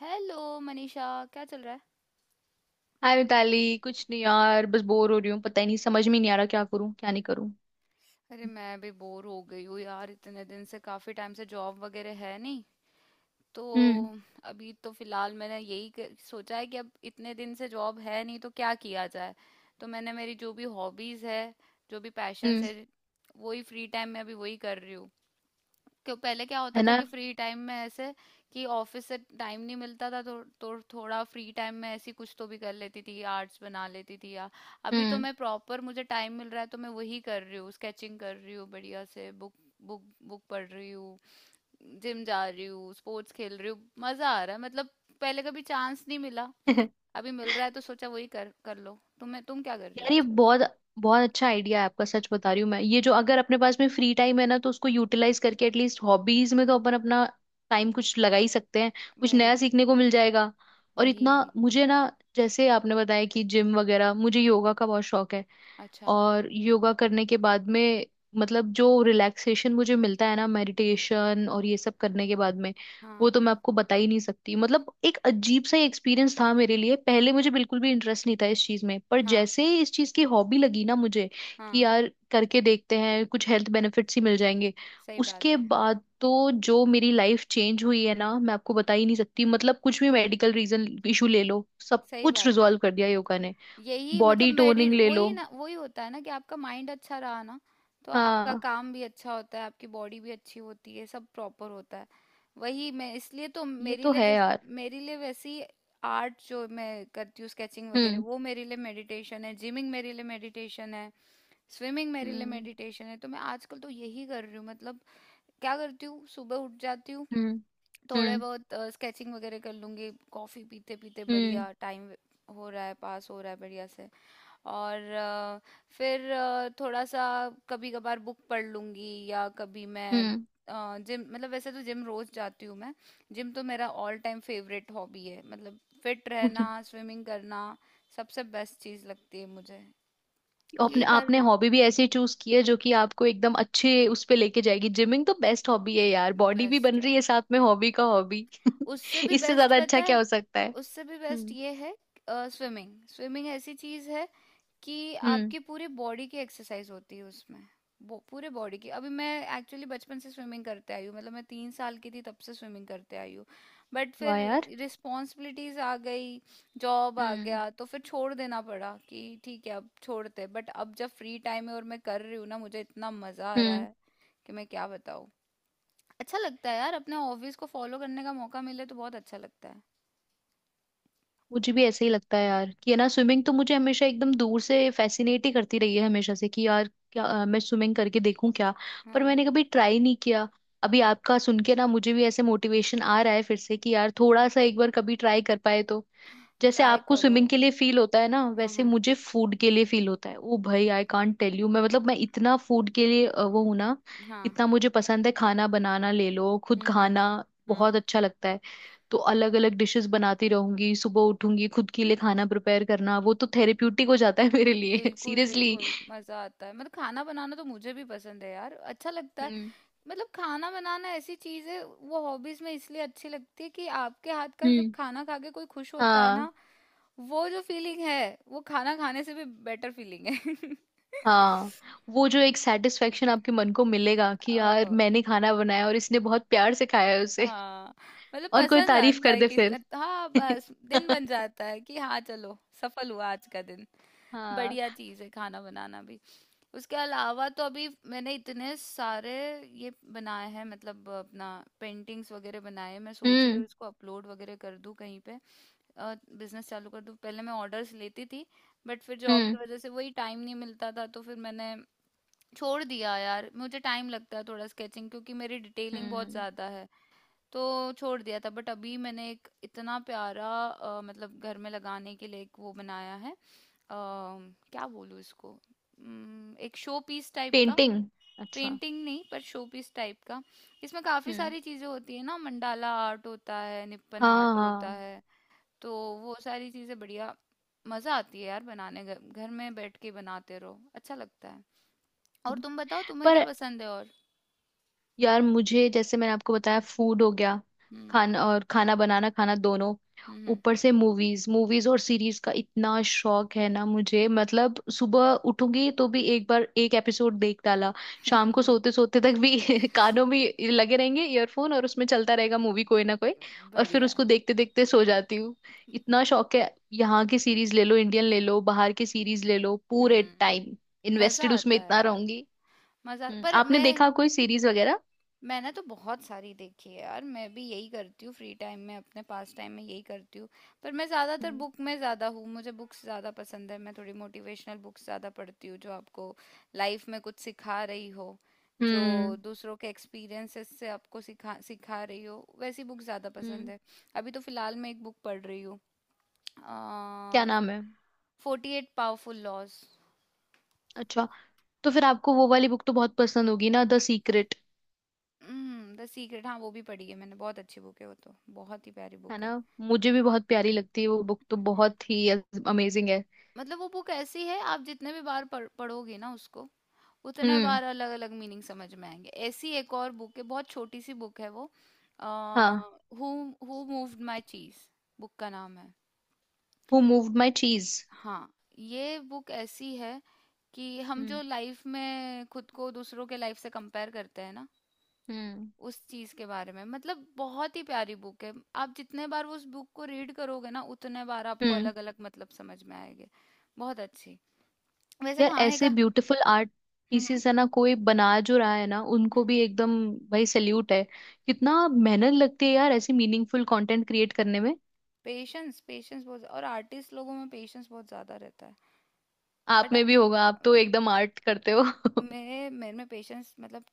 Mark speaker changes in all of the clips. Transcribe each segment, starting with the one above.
Speaker 1: Hello Manisha. क्या चल रहा है?
Speaker 2: हाय मिताली। कुछ नहीं यार, बस बोर हो रही हूँ। पता ही नहीं, समझ में ही नहीं आ रहा क्या करूँ क्या नहीं करूँ।
Speaker 1: अरे, मैं भी बोर हो गई हूँ यार। इतने दिन से, काफी टाइम से जॉब वगैरह है नहीं तो।
Speaker 2: हम्म।
Speaker 1: अभी तो फिलहाल मैंने यही सोचा है कि अब इतने दिन से जॉब है नहीं तो क्या किया जाए। तो मैंने, मेरी जो भी हॉबीज है, जो भी पैशंस
Speaker 2: हम्म।
Speaker 1: है, वही फ्री टाइम में अभी वही कर रही हूँ। क्यों, पहले क्या होता
Speaker 2: है
Speaker 1: था
Speaker 2: ना।
Speaker 1: कि फ्री टाइम में ऐसे, कि ऑफिस से टाइम नहीं मिलता था तो थोड़ा फ्री टाइम में ऐसी कुछ तो भी कर लेती थी, आर्ट्स बना लेती थी या। अभी तो
Speaker 2: हम्म।
Speaker 1: मैं प्रॉपर, मुझे टाइम मिल रहा है तो मैं वही कर रही हूँ, स्केचिंग कर रही हूँ, बढ़िया से बुक बुक बुक पढ़ रही हूँ, जिम जा रही हूँ, स्पोर्ट्स खेल रही हूँ। मजा आ रहा है मतलब, पहले कभी चांस नहीं मिला, अभी मिल रहा है तो सोचा वही कर कर लो। तुम्हें, तुम क्या कर रही हो
Speaker 2: यार ये
Speaker 1: आजकल?
Speaker 2: बहुत बहुत अच्छा आइडिया है आपका। सच बता रही हूँ मैं, ये जो अगर अपने पास में फ्री टाइम है ना, तो उसको यूटिलाइज करके एटलीस्ट हॉबीज में तो अपन अपना टाइम कुछ लगा ही सकते हैं। कुछ नया
Speaker 1: वही,
Speaker 2: सीखने को मिल जाएगा। और इतना
Speaker 1: वही।
Speaker 2: मुझे ना, जैसे आपने बताया कि जिम वगैरह, मुझे योगा का बहुत शौक है।
Speaker 1: अच्छा।
Speaker 2: और योगा करने के बाद में, मतलब जो रिलैक्सेशन मुझे मिलता है ना, मेडिटेशन और ये सब करने के बाद में, वो
Speaker 1: हाँ,
Speaker 2: तो मैं आपको बता ही नहीं सकती। मतलब एक अजीब सा एक्सपीरियंस था मेरे लिए। पहले मुझे बिल्कुल भी इंटरेस्ट नहीं था इस चीज में, पर
Speaker 1: हाँ,
Speaker 2: जैसे ही इस चीज की हॉबी लगी ना मुझे, कि
Speaker 1: हाँ।
Speaker 2: यार करके देखते हैं कुछ हेल्थ बेनिफिट्स ही मिल जाएंगे,
Speaker 1: सही बात
Speaker 2: उसके
Speaker 1: है।
Speaker 2: बाद तो जो मेरी लाइफ चेंज हुई है ना, मैं आपको बता ही नहीं सकती। मतलब कुछ भी मेडिकल रीजन इशू ले लो, सब
Speaker 1: सही
Speaker 2: कुछ
Speaker 1: बात है।
Speaker 2: रिजॉल्व कर दिया योगा ने।
Speaker 1: यही मतलब,
Speaker 2: बॉडी
Speaker 1: मेडिट,
Speaker 2: टोनिंग ले लो।
Speaker 1: वही ना, वही होता है ना कि आपका माइंड अच्छा रहा ना तो आपका
Speaker 2: हाँ,
Speaker 1: काम भी अच्छा होता है, आपकी बॉडी भी अच्छी होती है, सब प्रॉपर होता है। वही मैं, इसलिए तो
Speaker 2: ये
Speaker 1: मेरे
Speaker 2: तो
Speaker 1: लिए
Speaker 2: है यार।
Speaker 1: मेरे लिए वैसी आर्ट जो मैं करती हूँ, स्केचिंग वगैरह,
Speaker 2: हम्म।
Speaker 1: वो मेरे लिए मेडिटेशन है, जिमिंग मेरे लिए मेडिटेशन है, स्विमिंग मेरे लिए
Speaker 2: हम्म।
Speaker 1: मेडिटेशन है, तो मैं आजकल तो यही कर रही हूँ मतलब। क्या करती हूँ, सुबह उठ जाती हूँ,
Speaker 2: हम्म।
Speaker 1: थोड़े
Speaker 2: हम्म।
Speaker 1: बहुत स्केचिंग वगैरह कर लूंगी, कॉफी पीते पीते
Speaker 2: हम्म।
Speaker 1: बढ़िया टाइम हो रहा है, पास हो रहा है बढ़िया से। और फिर थोड़ा सा कभी कभार बुक पढ़ लूंगी, या कभी मैं
Speaker 2: हम्म।
Speaker 1: जिम, मतलब वैसे तो जिम रोज जाती हूँ मैं। जिम तो मेरा ऑल टाइम फेवरेट हॉबी है, मतलब फिट रहना, स्विमिंग करना सबसे बेस्ट चीज लगती है मुझे। यही
Speaker 2: आपने
Speaker 1: कर,
Speaker 2: आपने हॉबी भी ऐसे चूज की है जो कि आपको एकदम अच्छे उस पे लेके जाएगी। जिमिंग तो बेस्ट हॉबी है यार, बॉडी भी
Speaker 1: बेस्ट
Speaker 2: बन
Speaker 1: है।
Speaker 2: रही है साथ में, हॉबी का हॉबी।
Speaker 1: उससे भी
Speaker 2: इससे
Speaker 1: बेस्ट
Speaker 2: ज्यादा अच्छा
Speaker 1: पता
Speaker 2: क्या
Speaker 1: है?
Speaker 2: हो सकता है।
Speaker 1: उससे भी बेस्ट
Speaker 2: हम्म।
Speaker 1: ये है, स्विमिंग। स्विमिंग ऐसी चीज है कि
Speaker 2: हम्म।
Speaker 1: आपके पूरे बॉडी की एक्सरसाइज होती है उसमें, पूरे बॉडी की। अभी मैं एक्चुअली बचपन से स्विमिंग करते आई हूँ, मतलब मैं 3 साल की थी तब से स्विमिंग करते आई हूँ। बट फिर
Speaker 2: वाह यार।
Speaker 1: रिस्पॉन्सिबिलिटीज आ गई, जॉब आ
Speaker 2: हम्म।
Speaker 1: गया तो फिर छोड़ देना पड़ा कि ठीक है अब छोड़ते, बट अब जब फ्री टाइम है और मैं कर रही हूँ ना, मुझे इतना मजा आ रहा
Speaker 2: हम्म।
Speaker 1: है कि मैं क्या बताऊँ। अच्छा लगता है यार, अपने हॉबीज को फॉलो करने का मौका मिले तो बहुत अच्छा लगता है।
Speaker 2: मुझे भी ऐसे ही लगता है यार, कि है ना, स्विमिंग तो मुझे हमेशा एकदम दूर से फैसिनेट ही करती रही है हमेशा से, कि यार क्या मैं स्विमिंग करके देखूं क्या। पर
Speaker 1: हाँ,
Speaker 2: मैंने कभी ट्राई नहीं किया। अभी आपका सुन के ना, मुझे भी ऐसे मोटिवेशन आ रहा है फिर से, कि यार थोड़ा सा एक बार कभी ट्राई कर पाए तो। जैसे
Speaker 1: ट्राई
Speaker 2: आपको
Speaker 1: करो।
Speaker 2: स्विमिंग के लिए फील होता है ना,
Speaker 1: हाँ,
Speaker 2: वैसे
Speaker 1: हाँ।
Speaker 2: मुझे फूड के लिए फील होता है। ओ भाई, आई कांट टेल यू। मैं मतलब मैं इतना फूड के लिए वो हूं ना।
Speaker 1: हाँ।
Speaker 2: इतना मुझे पसंद है, खाना बनाना ले लो, खुद
Speaker 1: हम्म, हम्म,
Speaker 2: खाना,
Speaker 1: हम्म।
Speaker 2: बहुत अच्छा लगता है। तो अलग अलग डिशेस बनाती रहूंगी, सुबह उठूंगी खुद के लिए खाना प्रिपेयर करना, वो तो थेरेप्यूटिक हो जाता है मेरे लिए।
Speaker 1: बिल्कुल,
Speaker 2: सीरियसली।
Speaker 1: बिल्कुल, मजा आता है मतलब। खाना बनाना तो मुझे भी पसंद है यार, अच्छा लगता है।
Speaker 2: हम्म।
Speaker 1: मतलब खाना बनाना ऐसी चीज है, वो हॉबीज में इसलिए अच्छी लगती है कि आपके हाथ का जब
Speaker 2: हम्म।
Speaker 1: खाना खा के कोई खुश होता है
Speaker 2: हाँ।
Speaker 1: ना, वो जो फीलिंग है, वो खाना खाने से भी बेटर फीलिंग है।
Speaker 2: हाँ। वो जो एक सेटिस्फेक्शन आपके मन को मिलेगा, कि यार
Speaker 1: ओहो,
Speaker 2: मैंने खाना बनाया और इसने बहुत प्यार से खाया है उसे।
Speaker 1: हाँ। मतलब
Speaker 2: और कोई
Speaker 1: पसंद
Speaker 2: तारीफ
Speaker 1: आता
Speaker 2: कर
Speaker 1: है
Speaker 2: दे
Speaker 1: किसी,
Speaker 2: फिर।
Speaker 1: हाँ, बस दिन बन जाता है कि हाँ चलो सफल हुआ आज का दिन।
Speaker 2: हाँ।
Speaker 1: बढ़िया चीज़ है खाना बनाना भी। उसके अलावा तो अभी मैंने इतने सारे ये बनाए हैं, मतलब अपना पेंटिंग्स वगैरह बनाए हैं। मैं सोच रही हूँ
Speaker 2: हम्म।
Speaker 1: इसको अपलोड वगैरह कर दूँ कहीं पे, बिजनेस चालू कर दूँ। पहले मैं ऑर्डर्स लेती थी, बट फिर जॉब की
Speaker 2: हम्म।
Speaker 1: वजह से वही टाइम नहीं मिलता था तो फिर मैंने छोड़ दिया यार। मुझे टाइम लगता है थोड़ा, स्केचिंग क्योंकि मेरी डिटेलिंग बहुत
Speaker 2: हम्म।
Speaker 1: ज़्यादा है तो छोड़ दिया था। बट अभी मैंने एक इतना प्यारा मतलब घर में लगाने के लिए एक वो बनाया है, क्या बोलूँ इसको, एक शो पीस टाइप का।
Speaker 2: पेंटिंग। अच्छा।
Speaker 1: पेंटिंग नहीं, पर शो पीस टाइप का। इसमें काफी
Speaker 2: हम्म।
Speaker 1: सारी चीजें होती है ना, मंडाला आर्ट होता है, निपन
Speaker 2: हाँ,
Speaker 1: आर्ट होता
Speaker 2: हाँ।
Speaker 1: है, तो वो सारी चीजें बढ़िया, मजा आती है यार बनाने, घर घर में बैठ के बनाते रहो, अच्छा लगता है। और
Speaker 2: हम्म,
Speaker 1: तुम बताओ, तुम्हें क्या
Speaker 2: पर
Speaker 1: पसंद है? और
Speaker 2: यार मुझे, जैसे मैंने आपको बताया, फूड हो गया,
Speaker 1: हम्म,
Speaker 2: खाना, और खाना बनाना, खाना, दोनों।
Speaker 1: हम्म,
Speaker 2: ऊपर से मूवीज, मूवीज और सीरीज का इतना शौक है ना मुझे, मतलब सुबह उठूंगी तो भी एक बार एक एपिसोड देख डाला, शाम को
Speaker 1: हम्म,
Speaker 2: सोते सोते तक भी कानों में लगे रहेंगे ईयरफोन, और उसमें चलता रहेगा मूवी कोई ना कोई। और फिर
Speaker 1: बढ़िया है।
Speaker 2: उसको देखते देखते सो जाती हूँ। इतना शौक है, यहाँ की सीरीज ले लो, इंडियन ले लो, बाहर की सीरीज ले लो, पूरे
Speaker 1: हम्म।
Speaker 2: टाइम
Speaker 1: मजा
Speaker 2: इन्वेस्टेड उसमें
Speaker 1: आता है
Speaker 2: इतना
Speaker 1: यार,
Speaker 2: रहूंगी।
Speaker 1: मजा। पर
Speaker 2: आपने
Speaker 1: मैं,
Speaker 2: देखा कोई सीरीज वगैरह?
Speaker 1: मैंने तो बहुत सारी देखी है यार, मैं भी यही करती हूँ फ्री टाइम में, अपने पास टाइम में यही करती हूँ। पर मैं ज़्यादातर बुक में ज़्यादा हूँ, मुझे बुक्स ज़्यादा पसंद है। मैं थोड़ी मोटिवेशनल बुक्स ज़्यादा पढ़ती हूँ, जो आपको लाइफ में कुछ सिखा रही हो, जो
Speaker 2: हम्म।
Speaker 1: दूसरों के एक्सपीरियंसेस से आपको सिखा सिखा रही हो, वैसी बुक ज़्यादा पसंद
Speaker 2: हम्म।
Speaker 1: है। अभी तो फ़िलहाल मैं एक बुक पढ़ रही हूँ,
Speaker 2: क्या नाम है?
Speaker 1: 48 पावरफुल लॉज।
Speaker 2: अच्छा। तो फिर आपको वो वाली बुक तो बहुत पसंद होगी ना, द सीक्रेट।
Speaker 1: हम्म, द सीक्रेट, हाँ, वो भी पढ़ी है मैंने, बहुत अच्छी बुक है वो तो, बहुत ही प्यारी
Speaker 2: है
Speaker 1: बुक है।
Speaker 2: ना, मुझे भी बहुत प्यारी लगती है वो बुक, तो बहुत ही अमेजिंग है।
Speaker 1: मतलब वो बुक ऐसी है, आप जितने भी बार पढ़ोगे ना उसको, उतना
Speaker 2: हम्म।
Speaker 1: बार अलग अलग मीनिंग समझ में आएंगे। ऐसी एक और बुक है, बहुत छोटी सी बुक है वो,
Speaker 2: हाँ।
Speaker 1: Who who moved my cheese book का नाम है।
Speaker 2: Who moved my cheese.
Speaker 1: हाँ, ये बुक ऐसी है कि हम
Speaker 2: हम्म।
Speaker 1: जो लाइफ में खुद को दूसरों के लाइफ से कंपेयर करते हैं ना,
Speaker 2: हम्म।
Speaker 1: उस चीज के बारे में, मतलब बहुत ही प्यारी बुक है। आप जितने बार उस बुक को रीड करोगे ना, उतने बार आपको
Speaker 2: हम्म।
Speaker 1: अलग अलग मतलब समझ में आएंगे। बहुत अच्छी। वैसे
Speaker 2: यार
Speaker 1: खाने
Speaker 2: ऐसे
Speaker 1: का,
Speaker 2: ब्यूटीफुल आर्ट
Speaker 1: हम्म
Speaker 2: पीसेस है ना, कोई बना जो रहा है ना, उनको
Speaker 1: हम्म
Speaker 2: भी एकदम, भाई सल्यूट है। कितना मेहनत लगती है यार ऐसे मीनिंगफुल कंटेंट क्रिएट करने में।
Speaker 1: पेशेंस, पेशेंस बहुत, और आर्टिस्ट लोगों में पेशेंस बहुत ज्यादा रहता है।
Speaker 2: आप
Speaker 1: बट
Speaker 2: में भी होगा, आप तो एकदम आर्ट करते हो।
Speaker 1: मेरे मेरे में पेशेंस, मतलब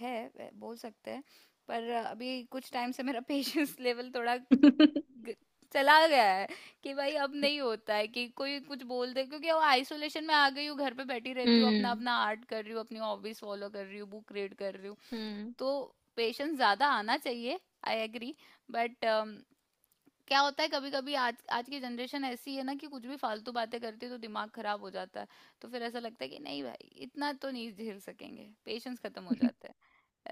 Speaker 1: है, बोल सकते हैं। पर अभी कुछ टाइम से मेरा पेशेंस लेवल थोड़ा ग- चला गया है, कि भाई अब नहीं होता है कि कोई कुछ बोल दे, क्योंकि वो आइसोलेशन में आ गई हूँ, घर पे बैठी रहती हूँ, अपना
Speaker 2: हम्म।
Speaker 1: अपना आर्ट कर रही हूँ, अपनी हॉबीज फॉलो कर रही हूँ, बुक रीड कर रही हूँ,
Speaker 2: हम्म।
Speaker 1: तो पेशेंस ज्यादा आना चाहिए। I agree. बट क्या होता है, कभी कभी आज आज की जनरेशन ऐसी है ना, कि कुछ भी फालतू बातें करती है तो दिमाग खराब हो जाता है, तो फिर ऐसा लगता है कि नहीं भाई, इतना तो नहीं झेल सकेंगे, पेशेंस खत्म हो जाता है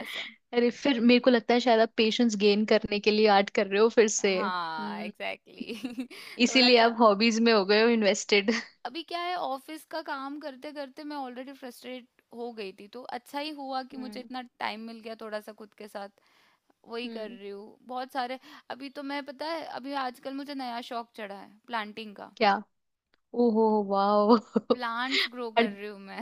Speaker 1: ऐसा।
Speaker 2: अरे, फिर मेरे को लगता है शायद आप पेशेंस गेन करने के लिए आर्ट कर रहे हो फिर से।
Speaker 1: हाँ,
Speaker 2: हम्म।
Speaker 1: एग्जैक्टली। थोड़ा
Speaker 2: इसीलिए
Speaker 1: सा,
Speaker 2: आप हॉबीज में हो गए हो इन्वेस्टेड।
Speaker 1: अभी क्या है, ऑफिस का काम करते करते मैं ऑलरेडी फ्रस्ट्रेट हो गई थी, तो अच्छा ही हुआ कि मुझे
Speaker 2: हम्म।
Speaker 1: इतना टाइम मिल गया थोड़ा सा खुद के साथ। वही कर
Speaker 2: हम्म।
Speaker 1: रही हूँ बहुत सारे। अभी तो मैं, पता है अभी आजकल मुझे नया शौक चढ़ा है, प्लांटिंग का।
Speaker 2: क्या? ओहो, वाओ।
Speaker 1: प्लांट्स ग्रो
Speaker 2: और
Speaker 1: कर रही हूँ मैं।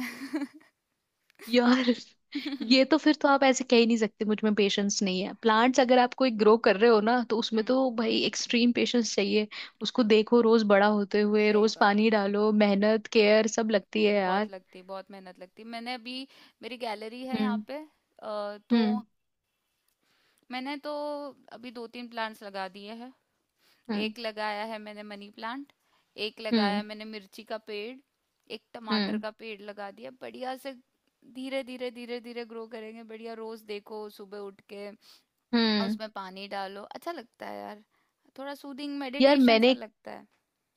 Speaker 2: यार,
Speaker 1: हम्म,
Speaker 2: ये तो फिर तो आप ऐसे कह ही नहीं सकते मुझ में पेशेंस नहीं है। प्लांट्स अगर आप कोई ग्रो कर रहे हो ना, तो उसमें तो भाई एक्सट्रीम पेशेंस चाहिए। उसको देखो रोज बड़ा होते हुए,
Speaker 1: सही
Speaker 2: रोज
Speaker 1: बात
Speaker 2: पानी डालो, मेहनत, केयर सब लगती
Speaker 1: है,
Speaker 2: है
Speaker 1: बहुत
Speaker 2: यार।
Speaker 1: लगती है, बहुत मेहनत लगती है। मैंने अभी, मेरी गैलरी है यहाँ
Speaker 2: हम्म।
Speaker 1: पे, तो
Speaker 2: हम्म।
Speaker 1: मैंने तो अभी दो तीन प्लांट्स लगा दिए हैं।
Speaker 2: हम्म।
Speaker 1: एक लगाया है मैंने मनी प्लांट, एक लगाया
Speaker 2: हम्म।
Speaker 1: मैंने मिर्ची का पेड़, एक टमाटर
Speaker 2: हम्म।
Speaker 1: का पेड़ लगा दिया बढ़िया से। धीरे धीरे, धीरे धीरे ग्रो करेंगे बढ़िया, रोज देखो, सुबह उठ के
Speaker 2: हम्म।
Speaker 1: उसमें पानी डालो, अच्छा लगता है यार, थोड़ा सूदिंग
Speaker 2: यार
Speaker 1: मेडिटेशन सा
Speaker 2: मैंने,
Speaker 1: लगता है।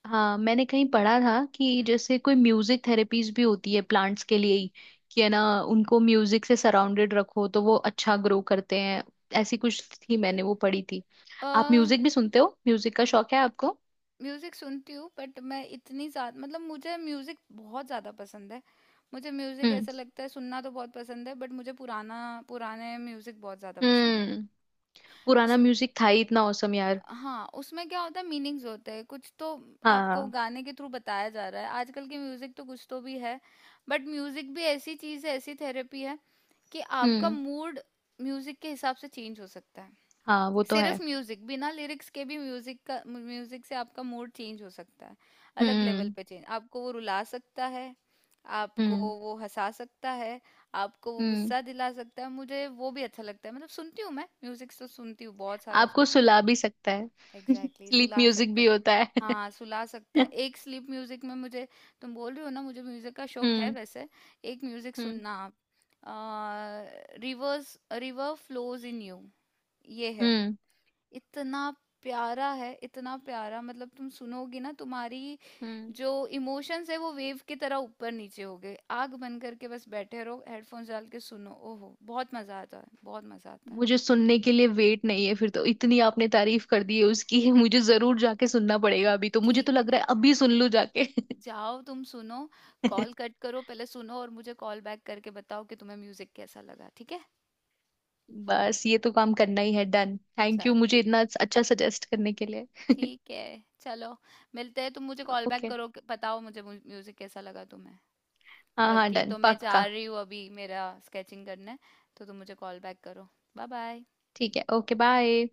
Speaker 2: हाँ, मैंने कहीं पढ़ा था कि
Speaker 1: हम्म,
Speaker 2: जैसे कोई म्यूजिक थेरेपीज भी होती है प्लांट्स के लिए ही, कि है ना, उनको म्यूजिक से सराउंडेड रखो तो वो अच्छा ग्रो करते हैं। ऐसी कुछ थी, मैंने वो पढ़ी थी।
Speaker 1: अ
Speaker 2: आप म्यूजिक भी सुनते हो? म्यूजिक का शौक है आपको?
Speaker 1: म्यूजिक सुनती हूँ, बट मैं इतनी ज्यादा, मतलब मुझे म्यूजिक बहुत ज्यादा पसंद है। मुझे म्यूजिक
Speaker 2: हम्म।
Speaker 1: ऐसा लगता है, सुनना तो बहुत पसंद है, बट मुझे पुराना, पुराने म्यूजिक बहुत ज्यादा पसंद है।
Speaker 2: हम्म। पुराना
Speaker 1: उस,
Speaker 2: म्यूजिक था ही इतना औसम यार।
Speaker 1: हाँ, उसमें क्या होता है मीनिंग्स होते हैं कुछ तो, आपको
Speaker 2: हाँ।
Speaker 1: गाने के थ्रू बताया जा रहा है, आजकल के म्यूजिक तो कुछ तो भी है। बट म्यूजिक भी ऐसी चीज है, ऐसी थेरेपी है कि आपका
Speaker 2: हम्म।
Speaker 1: मूड म्यूजिक के हिसाब से चेंज हो सकता है।
Speaker 2: हाँ, वो तो
Speaker 1: सिर्फ
Speaker 2: है।
Speaker 1: म्यूजिक, बिना लिरिक्स के भी, म्यूजिक का, म्यूजिक से आपका मूड चेंज हो सकता है, अलग लेवल
Speaker 2: हम्म।
Speaker 1: पे चेंज। आपको वो रुला सकता है, आपको
Speaker 2: हम्म।
Speaker 1: वो हंसा सकता है, आपको वो
Speaker 2: हम्म।
Speaker 1: गुस्सा दिला सकता है, मुझे वो भी अच्छा लगता है, मतलब सुनती हूँ मैं म्यूजिक तो, सुनती हूँ बहुत सारा
Speaker 2: आपको
Speaker 1: सुनती हूँ।
Speaker 2: सुला भी सकता है।
Speaker 1: एग्जैक्टली exactly,
Speaker 2: स्लीप
Speaker 1: सुला
Speaker 2: म्यूजिक
Speaker 1: सकता
Speaker 2: भी
Speaker 1: है।
Speaker 2: होता है।
Speaker 1: हाँ, सुला सकता है। एक स्लीप म्यूजिक में मुझे, तुम बोल रहे हो ना मुझे म्यूजिक का शौक है
Speaker 2: हम्म।
Speaker 1: वैसे, एक म्यूजिक
Speaker 2: हम्म।
Speaker 1: सुनना आप, रिवर फ्लोज इन यू, ये है।
Speaker 2: हम्म।
Speaker 1: इतना प्यारा है, इतना प्यारा मतलब तुम सुनोगी ना, तुम्हारी
Speaker 2: हम्म।
Speaker 1: जो इमोशंस है वो वेव की तरह ऊपर नीचे हो गए, आग बंद करके बस बैठे रहो हेडफोन्स डाल के सुनो, ओहो, बहुत मजा आता है, बहुत मजा आता है।
Speaker 2: मुझे सुनने के लिए वेट नहीं है फिर तो, इतनी आपने तारीफ कर दी है उसकी। मुझे जरूर जाके सुनना पड़ेगा। अभी तो मुझे तो
Speaker 1: ठीक,
Speaker 2: लग रहा है अभी सुन लूं जाके।
Speaker 1: जाओ तुम सुनो। कॉल कट करो, पहले सुनो और मुझे कॉल बैक करके बताओ कि तुम्हें म्यूजिक कैसा लगा, ठीक है?
Speaker 2: बस ये तो काम करना ही है। डन। थैंक यू
Speaker 1: चलो,
Speaker 2: मुझे इतना अच्छा सजेस्ट करने के लिए।
Speaker 1: ठीक है, चलो, मिलते हैं। तुम मुझे कॉल बैक
Speaker 2: ओके।
Speaker 1: करो, बताओ मुझे म्यूजिक कैसा लगा तुम्हें।
Speaker 2: हाँ हाँ,
Speaker 1: बाकी
Speaker 2: डन,
Speaker 1: तो मैं जा
Speaker 2: पक्का।
Speaker 1: रही हूँ अभी, मेरा स्केचिंग करने, तो तुम मुझे कॉल बैक करो। Bye bye.
Speaker 2: ठीक है। ओके। बाय।